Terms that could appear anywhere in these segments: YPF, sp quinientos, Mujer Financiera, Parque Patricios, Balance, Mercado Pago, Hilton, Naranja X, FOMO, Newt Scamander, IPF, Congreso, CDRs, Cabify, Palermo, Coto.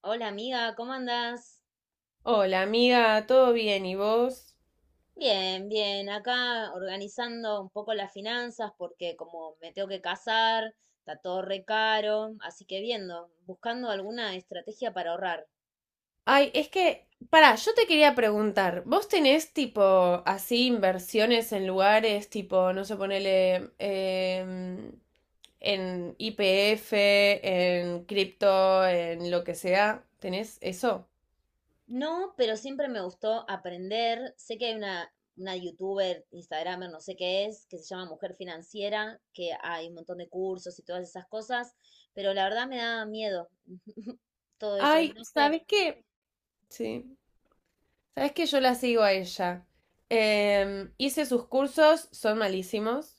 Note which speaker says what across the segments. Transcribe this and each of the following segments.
Speaker 1: Hola amiga, ¿cómo andás?
Speaker 2: Hola, amiga, ¿todo bien? ¿Y vos?
Speaker 1: Bien, bien, acá organizando un poco las finanzas porque como me tengo que casar, está todo re caro, así que viendo, buscando alguna estrategia para ahorrar.
Speaker 2: Ay, es que, pará, yo te quería preguntar, ¿vos tenés tipo así inversiones en lugares tipo, no sé, ponele en IPF, en cripto, en lo que sea? ¿Tenés eso?
Speaker 1: No, pero siempre me gustó aprender. Sé que hay una youtuber, instagramer, no sé qué es, que se llama Mujer Financiera, que hay un montón de cursos y todas esas cosas, pero la verdad me da miedo todo eso y
Speaker 2: Ay,
Speaker 1: no sé.
Speaker 2: ¿sabes qué? Sí, ¿sabes qué? Yo la sigo a ella. Hice sus cursos, son malísimos.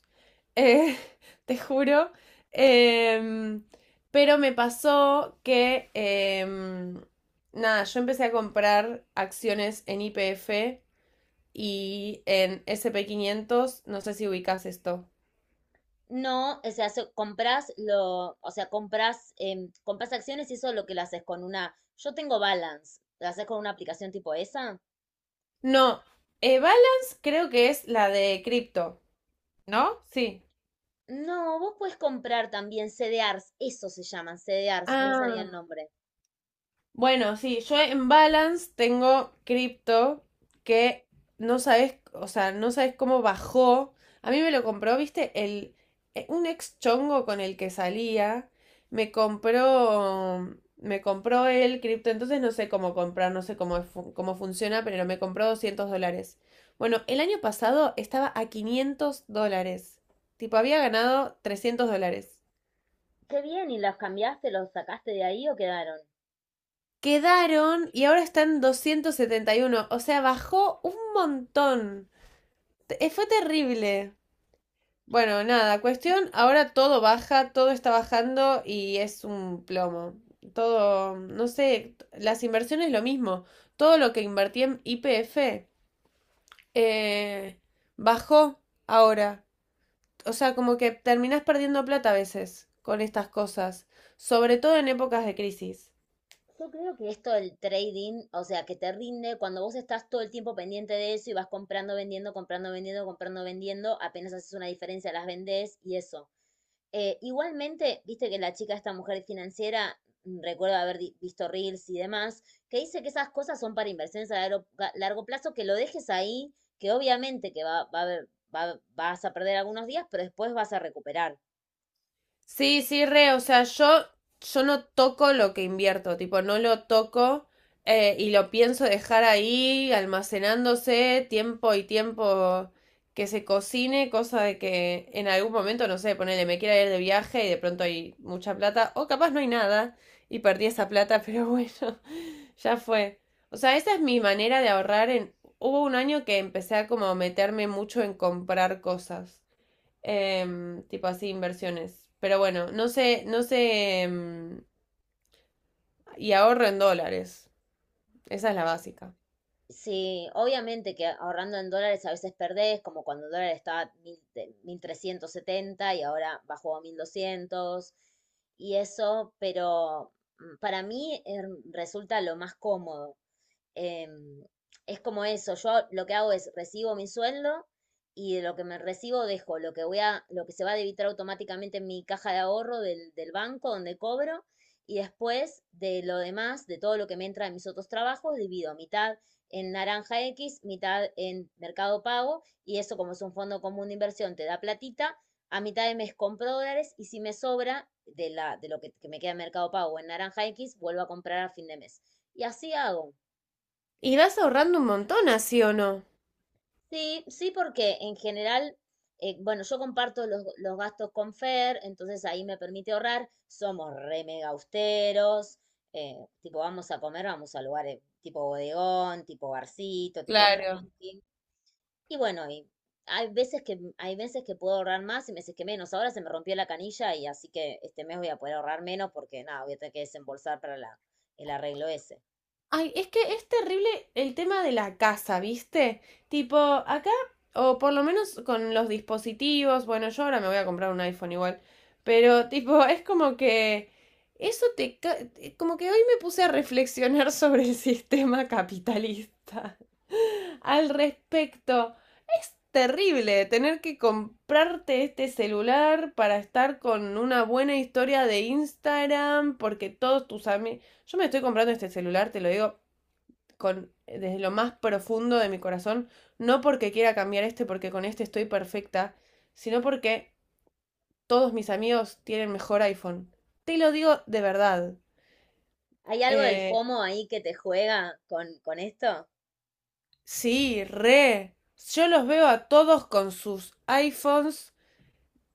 Speaker 2: eh, Te juro. Em, pero me pasó que, nada, yo empecé a comprar acciones en YPF y en S&P 500, no sé si ubicas esto.
Speaker 1: No, o sea, compras, compras acciones y eso es lo que lo haces con una. Yo tengo Balance, ¿lo haces con una aplicación tipo esa?
Speaker 2: No, Balance creo que es la de cripto, ¿no? Sí.
Speaker 1: No, vos puedes comprar también CDRs, eso se llaman, CDRs, no me salía
Speaker 2: Ah.
Speaker 1: el nombre.
Speaker 2: Bueno, sí, yo en Balance tengo cripto que no sabes, o sea, no sabes cómo bajó. A mí me lo compró, viste, un ex chongo con el que salía, me compró el cripto, entonces no sé cómo comprar, no sé cómo, cómo funciona, pero me compró $200. Bueno, el año pasado estaba a $500. Tipo, había ganado $300.
Speaker 1: Qué bien, ¿y los cambiaste, los sacaste de ahí o quedaron?
Speaker 2: Quedaron y ahora están 271. O sea, bajó un montón. Fue terrible. Bueno, nada, cuestión, ahora todo baja, todo está bajando y es un plomo. Todo, no sé, las inversiones lo mismo. Todo lo que invertí en YPF eh, bajó ahora. O sea, como que terminás perdiendo plata a veces con estas cosas, sobre todo en épocas de crisis.
Speaker 1: Yo creo que esto del trading, o sea, que te rinde cuando vos estás todo el tiempo pendiente de eso y vas comprando, vendiendo, comprando, vendiendo, comprando, vendiendo, apenas haces una diferencia, las vendés y eso. Igualmente, viste que la chica, esta mujer financiera, recuerdo haber visto reels y demás, que dice que esas cosas son para inversiones a largo, largo plazo, que lo dejes ahí, que obviamente que va a haber, vas a perder algunos días, pero después vas a recuperar.
Speaker 2: Sí, sí, re, o sea, yo no toco lo que invierto, tipo, no lo toco y lo pienso dejar ahí almacenándose tiempo y tiempo que se cocine, cosa de que en algún momento, no sé, ponele, me quiera ir de viaje y de pronto hay mucha plata, o capaz no hay nada y perdí esa plata, pero bueno, ya fue. O sea, esa es mi manera de ahorrar en. Hubo un año que empecé a como meterme mucho en comprar cosas. Tipo así, inversiones. Pero bueno, no sé, no sé. Y ahorro en dólares. Esa es la básica.
Speaker 1: Sí, obviamente que ahorrando en dólares a veces perdés, como cuando el dólar estaba a 1000 1370 y ahora bajó a 1200 y eso, pero para mí resulta lo más cómodo. Em, es como eso, yo lo que hago es recibo mi sueldo y de lo que me recibo dejo lo que lo que se va a debitar automáticamente en mi caja de ahorro del banco donde cobro y después de lo demás, de todo lo que me entra de mis otros trabajos, divido mitad en Naranja X, mitad en Mercado Pago y eso como es un fondo común de inversión te da platita, a mitad de mes compro dólares y si me sobra de, la, de lo que me queda en Mercado Pago en Naranja X, vuelvo a comprar a fin de mes. Y así hago.
Speaker 2: ¿Y vas ahorrando un montón, así o no?
Speaker 1: Sí, sí, porque en general, bueno, yo comparto los gastos con Fer, entonces ahí me permite ahorrar. Somos re mega austeros, eh, tipo vamos a comer, vamos a lugares tipo bodegón, tipo barcito, tipo
Speaker 2: Claro.
Speaker 1: tranqui. Y bueno, y hay veces que puedo ahorrar más y meses que menos. Ahora se me rompió la canilla y así que este mes voy a poder ahorrar menos porque nada, voy a tener que desembolsar para el arreglo ese.
Speaker 2: Ay, es que es terrible el tema de la casa, ¿viste? Tipo, acá, o por lo menos con los dispositivos, bueno, yo ahora me voy a comprar un iPhone igual, pero tipo, es como que eso Como que hoy me puse a reflexionar sobre el sistema capitalista al respecto. Es terrible tener que comprarte este celular para estar con una buena historia de Instagram, porque todos tus amigos. Yo me estoy comprando este celular, te lo digo desde lo más profundo de mi corazón, no porque quiera cambiar este, porque con este estoy perfecta, sino porque todos mis amigos tienen mejor iPhone. Te lo digo de verdad.
Speaker 1: ¿Hay algo del
Speaker 2: Eh,
Speaker 1: FOMO ahí que te juega con esto?
Speaker 2: sí, re. Yo los veo a todos con sus iPhones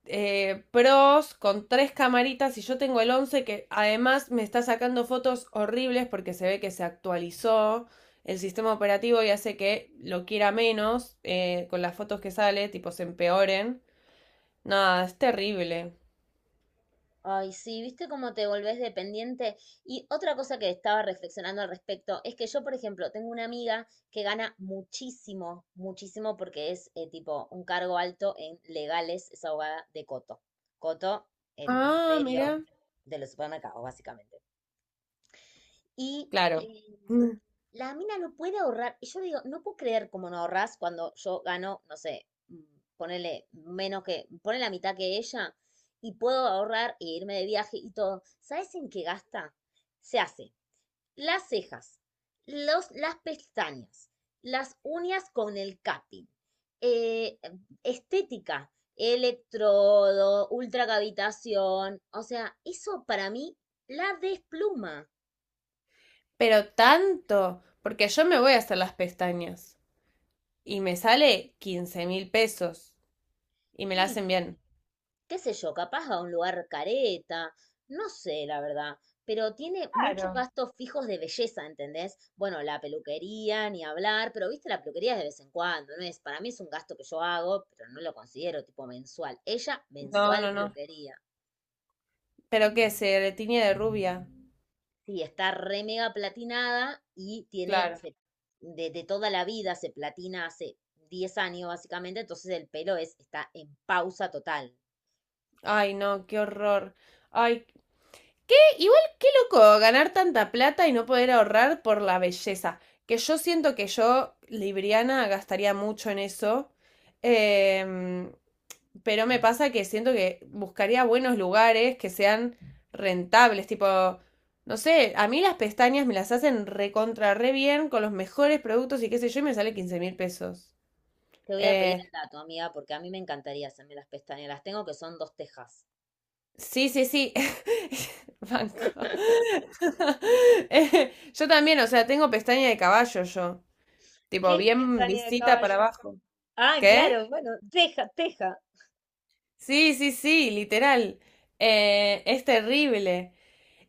Speaker 2: pros con tres camaritas y yo tengo el 11 que además me está sacando fotos horribles porque se ve que se actualizó el sistema operativo y hace que lo quiera menos con las fotos que sale, tipo se empeoren. Nada, es terrible.
Speaker 1: Ay, sí, viste cómo te volvés dependiente. Y otra cosa que estaba reflexionando al respecto es que yo, por ejemplo, tengo una amiga que gana muchísimo, muchísimo porque es tipo un cargo alto en legales, es abogada de Coto. Coto, el
Speaker 2: Ah,
Speaker 1: imperio
Speaker 2: mira.
Speaker 1: de los supermercados, básicamente. Y
Speaker 2: Claro. Mm.
Speaker 1: la mina no puede ahorrar. Y yo digo, no puedo creer cómo no ahorras cuando yo gano, no sé, ponele menos que, ponele la mitad que ella y puedo ahorrar e irme de viaje y todo. ¿Sabes en qué gasta? Se hace las cejas, las pestañas, las uñas con el cutting, eh, estética, electrodo, ultracavitación. O sea, eso para mí la despluma.
Speaker 2: Pero tanto, porque yo me voy a hacer las pestañas y me sale 15.000 pesos y me la
Speaker 1: Y
Speaker 2: hacen bien.
Speaker 1: qué sé yo, capaz a un lugar careta, no sé, la verdad, pero tiene muchos
Speaker 2: Claro.
Speaker 1: gastos fijos de belleza, ¿entendés? Bueno, la peluquería, ni hablar, pero viste, la peluquería es de vez en cuando, ¿no es? Para mí es un gasto que yo hago, pero no lo considero tipo mensual. Ella,
Speaker 2: No,
Speaker 1: mensual
Speaker 2: no, no.
Speaker 1: peluquería.
Speaker 2: ¿Pero qué? ¿Se tiñe de rubia?
Speaker 1: Sí, está re mega platinada y tiene
Speaker 2: Claro.
Speaker 1: de toda la vida, se platina hace 10 años básicamente, entonces el pelo es, está en pausa total.
Speaker 2: Ay, no, qué horror. Ay, igual loco, ganar tanta plata y no poder ahorrar por la belleza. Que yo siento que yo, Libriana, gastaría mucho en eso. Em, pero me pasa que siento que buscaría buenos lugares que sean rentables. Tipo, no sé, a mí las pestañas me las hacen recontra re bien con los mejores productos y qué sé yo, y me sale 15.000 pesos.
Speaker 1: Te voy a pedir
Speaker 2: Eh,
Speaker 1: el dato, amiga, porque a mí me encantaría hacerme las pestañas. Las tengo que son dos tejas.
Speaker 2: Sí, sí, sí. Banco. Yo también, o sea, tengo pestaña de caballo yo.
Speaker 1: ¿Qué
Speaker 2: Tipo,
Speaker 1: es
Speaker 2: bien
Speaker 1: pestaña de
Speaker 2: lisita para
Speaker 1: caballo?
Speaker 2: abajo.
Speaker 1: Ah,
Speaker 2: ¿Qué?
Speaker 1: claro, bueno, teja, teja.
Speaker 2: Sí, sí, sí, literal. Es terrible.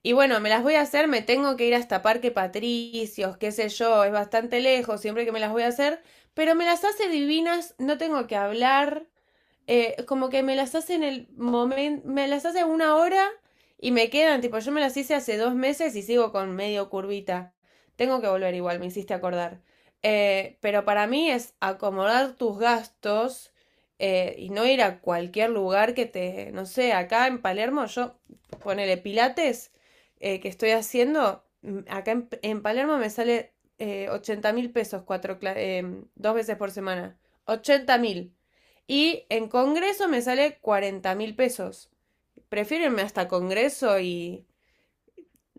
Speaker 2: Y bueno, me las voy a hacer, me tengo que ir hasta Parque Patricios, qué sé yo, es bastante lejos siempre que me las voy a hacer, pero me las hace divinas, no tengo que hablar. Como que me las hace en el momento, me las hace 1 hora y me quedan, tipo, yo me las hice hace 2 meses y sigo con medio curvita. Tengo que volver igual, me hiciste acordar. Pero para mí es acomodar tus gastos y no ir a cualquier lugar que te, no sé, acá en Palermo, yo ponele pilates que estoy haciendo, acá en Palermo me sale 80.000 pesos cuatro, 2 veces por semana. 80.000. Y en Congreso me sale 40.000 pesos. Prefiero irme hasta Congreso y,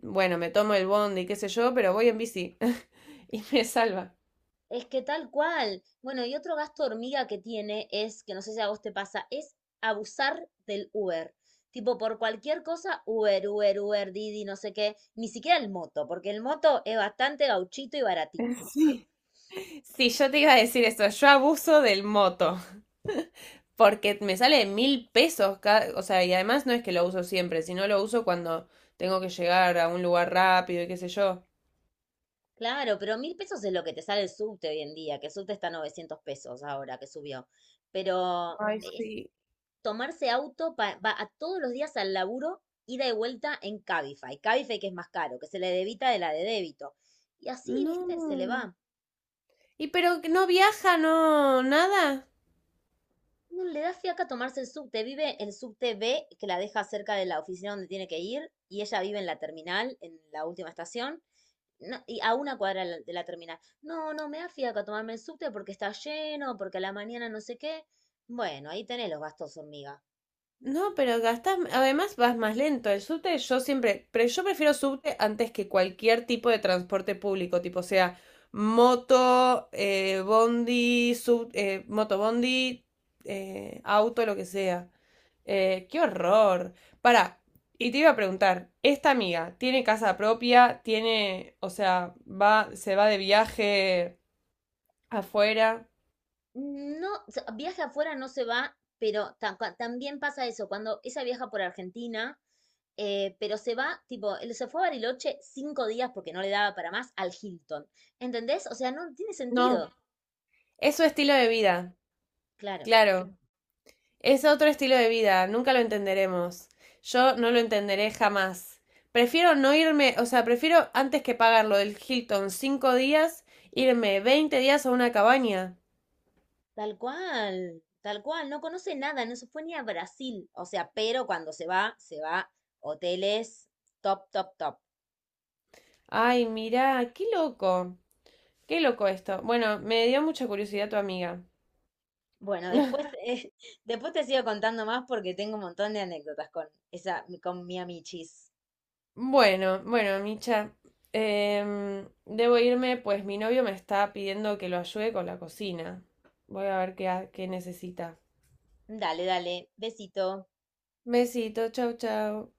Speaker 2: bueno, me tomo el bondi, qué sé yo, pero voy en bici y me salva.
Speaker 1: Es que tal cual. Bueno, y otro gasto hormiga que tiene es, que no sé si a vos te pasa, es abusar del Uber. Tipo, por cualquier cosa, Uber, Uber, Uber, Didi, no sé qué. Ni siquiera el moto, porque el moto es bastante gauchito y baratito.
Speaker 2: Sí. Sí, yo te iba a decir eso, yo abuso del moto, porque me sale 1.000 pesos, o sea, y además no es que lo uso siempre, sino lo uso cuando tengo que llegar a un lugar rápido y qué sé yo.
Speaker 1: Claro, pero 1000 pesos es lo que te sale el subte hoy en día, que el subte está a 900 pesos ahora que subió. Pero
Speaker 2: Ay,
Speaker 1: es
Speaker 2: sí.
Speaker 1: tomarse auto va a todos los días al laburo, ida y vuelta en Cabify. Cabify que es más caro, que se le debita de la de débito. Y así, viste, se le
Speaker 2: No.
Speaker 1: va.
Speaker 2: ¿Y pero que no viaja, no, nada?
Speaker 1: No le da fiaca tomarse el subte. Vive el subte B, que la deja cerca de la oficina donde tiene que ir, y ella vive en la terminal, en la última estación. No, y a una cuadra de la terminal. No, no, me da fiaca tomarme el subte porque está lleno, porque a la mañana no sé qué. Bueno, ahí tenés los gastos hormiga.
Speaker 2: No, pero gastas, además vas más lento. El subte yo siempre, pero yo prefiero subte antes que cualquier tipo de transporte público, tipo sea moto, bondi, moto bondi, auto, lo que sea. Qué horror. Para, y te iba a preguntar, ¿esta amiga tiene casa propia? ¿Tiene, o sea, se va de viaje afuera?
Speaker 1: No, o sea, viaje afuera no se va, pero también pasa eso, cuando ella viaja por Argentina, pero se va, tipo, él se fue a Bariloche 5 días porque no le daba para más al Hilton. ¿Entendés? O sea, no tiene
Speaker 2: No,
Speaker 1: sentido.
Speaker 2: es su estilo de vida,
Speaker 1: Claro.
Speaker 2: claro. Es otro estilo de vida, nunca lo entenderemos. Yo no lo entenderé jamás. Prefiero no irme, o sea, prefiero antes que pagar lo del Hilton 5 días, irme 20 días a una cabaña.
Speaker 1: Tal cual, no conoce nada, no se fue ni a Brasil. O sea, pero cuando se va hoteles top, top, top.
Speaker 2: Ay, mirá, qué loco. Qué loco esto. Bueno, me dio mucha curiosidad tu amiga.
Speaker 1: Bueno, después, después te sigo contando más porque tengo un montón de anécdotas con esa, con mi amichis.
Speaker 2: Bueno, bueno, Micha. Debo irme, pues mi novio me está pidiendo que lo ayude con la cocina. Voy a ver qué necesita.
Speaker 1: Dale, dale, besito.
Speaker 2: Besito, chau, chau.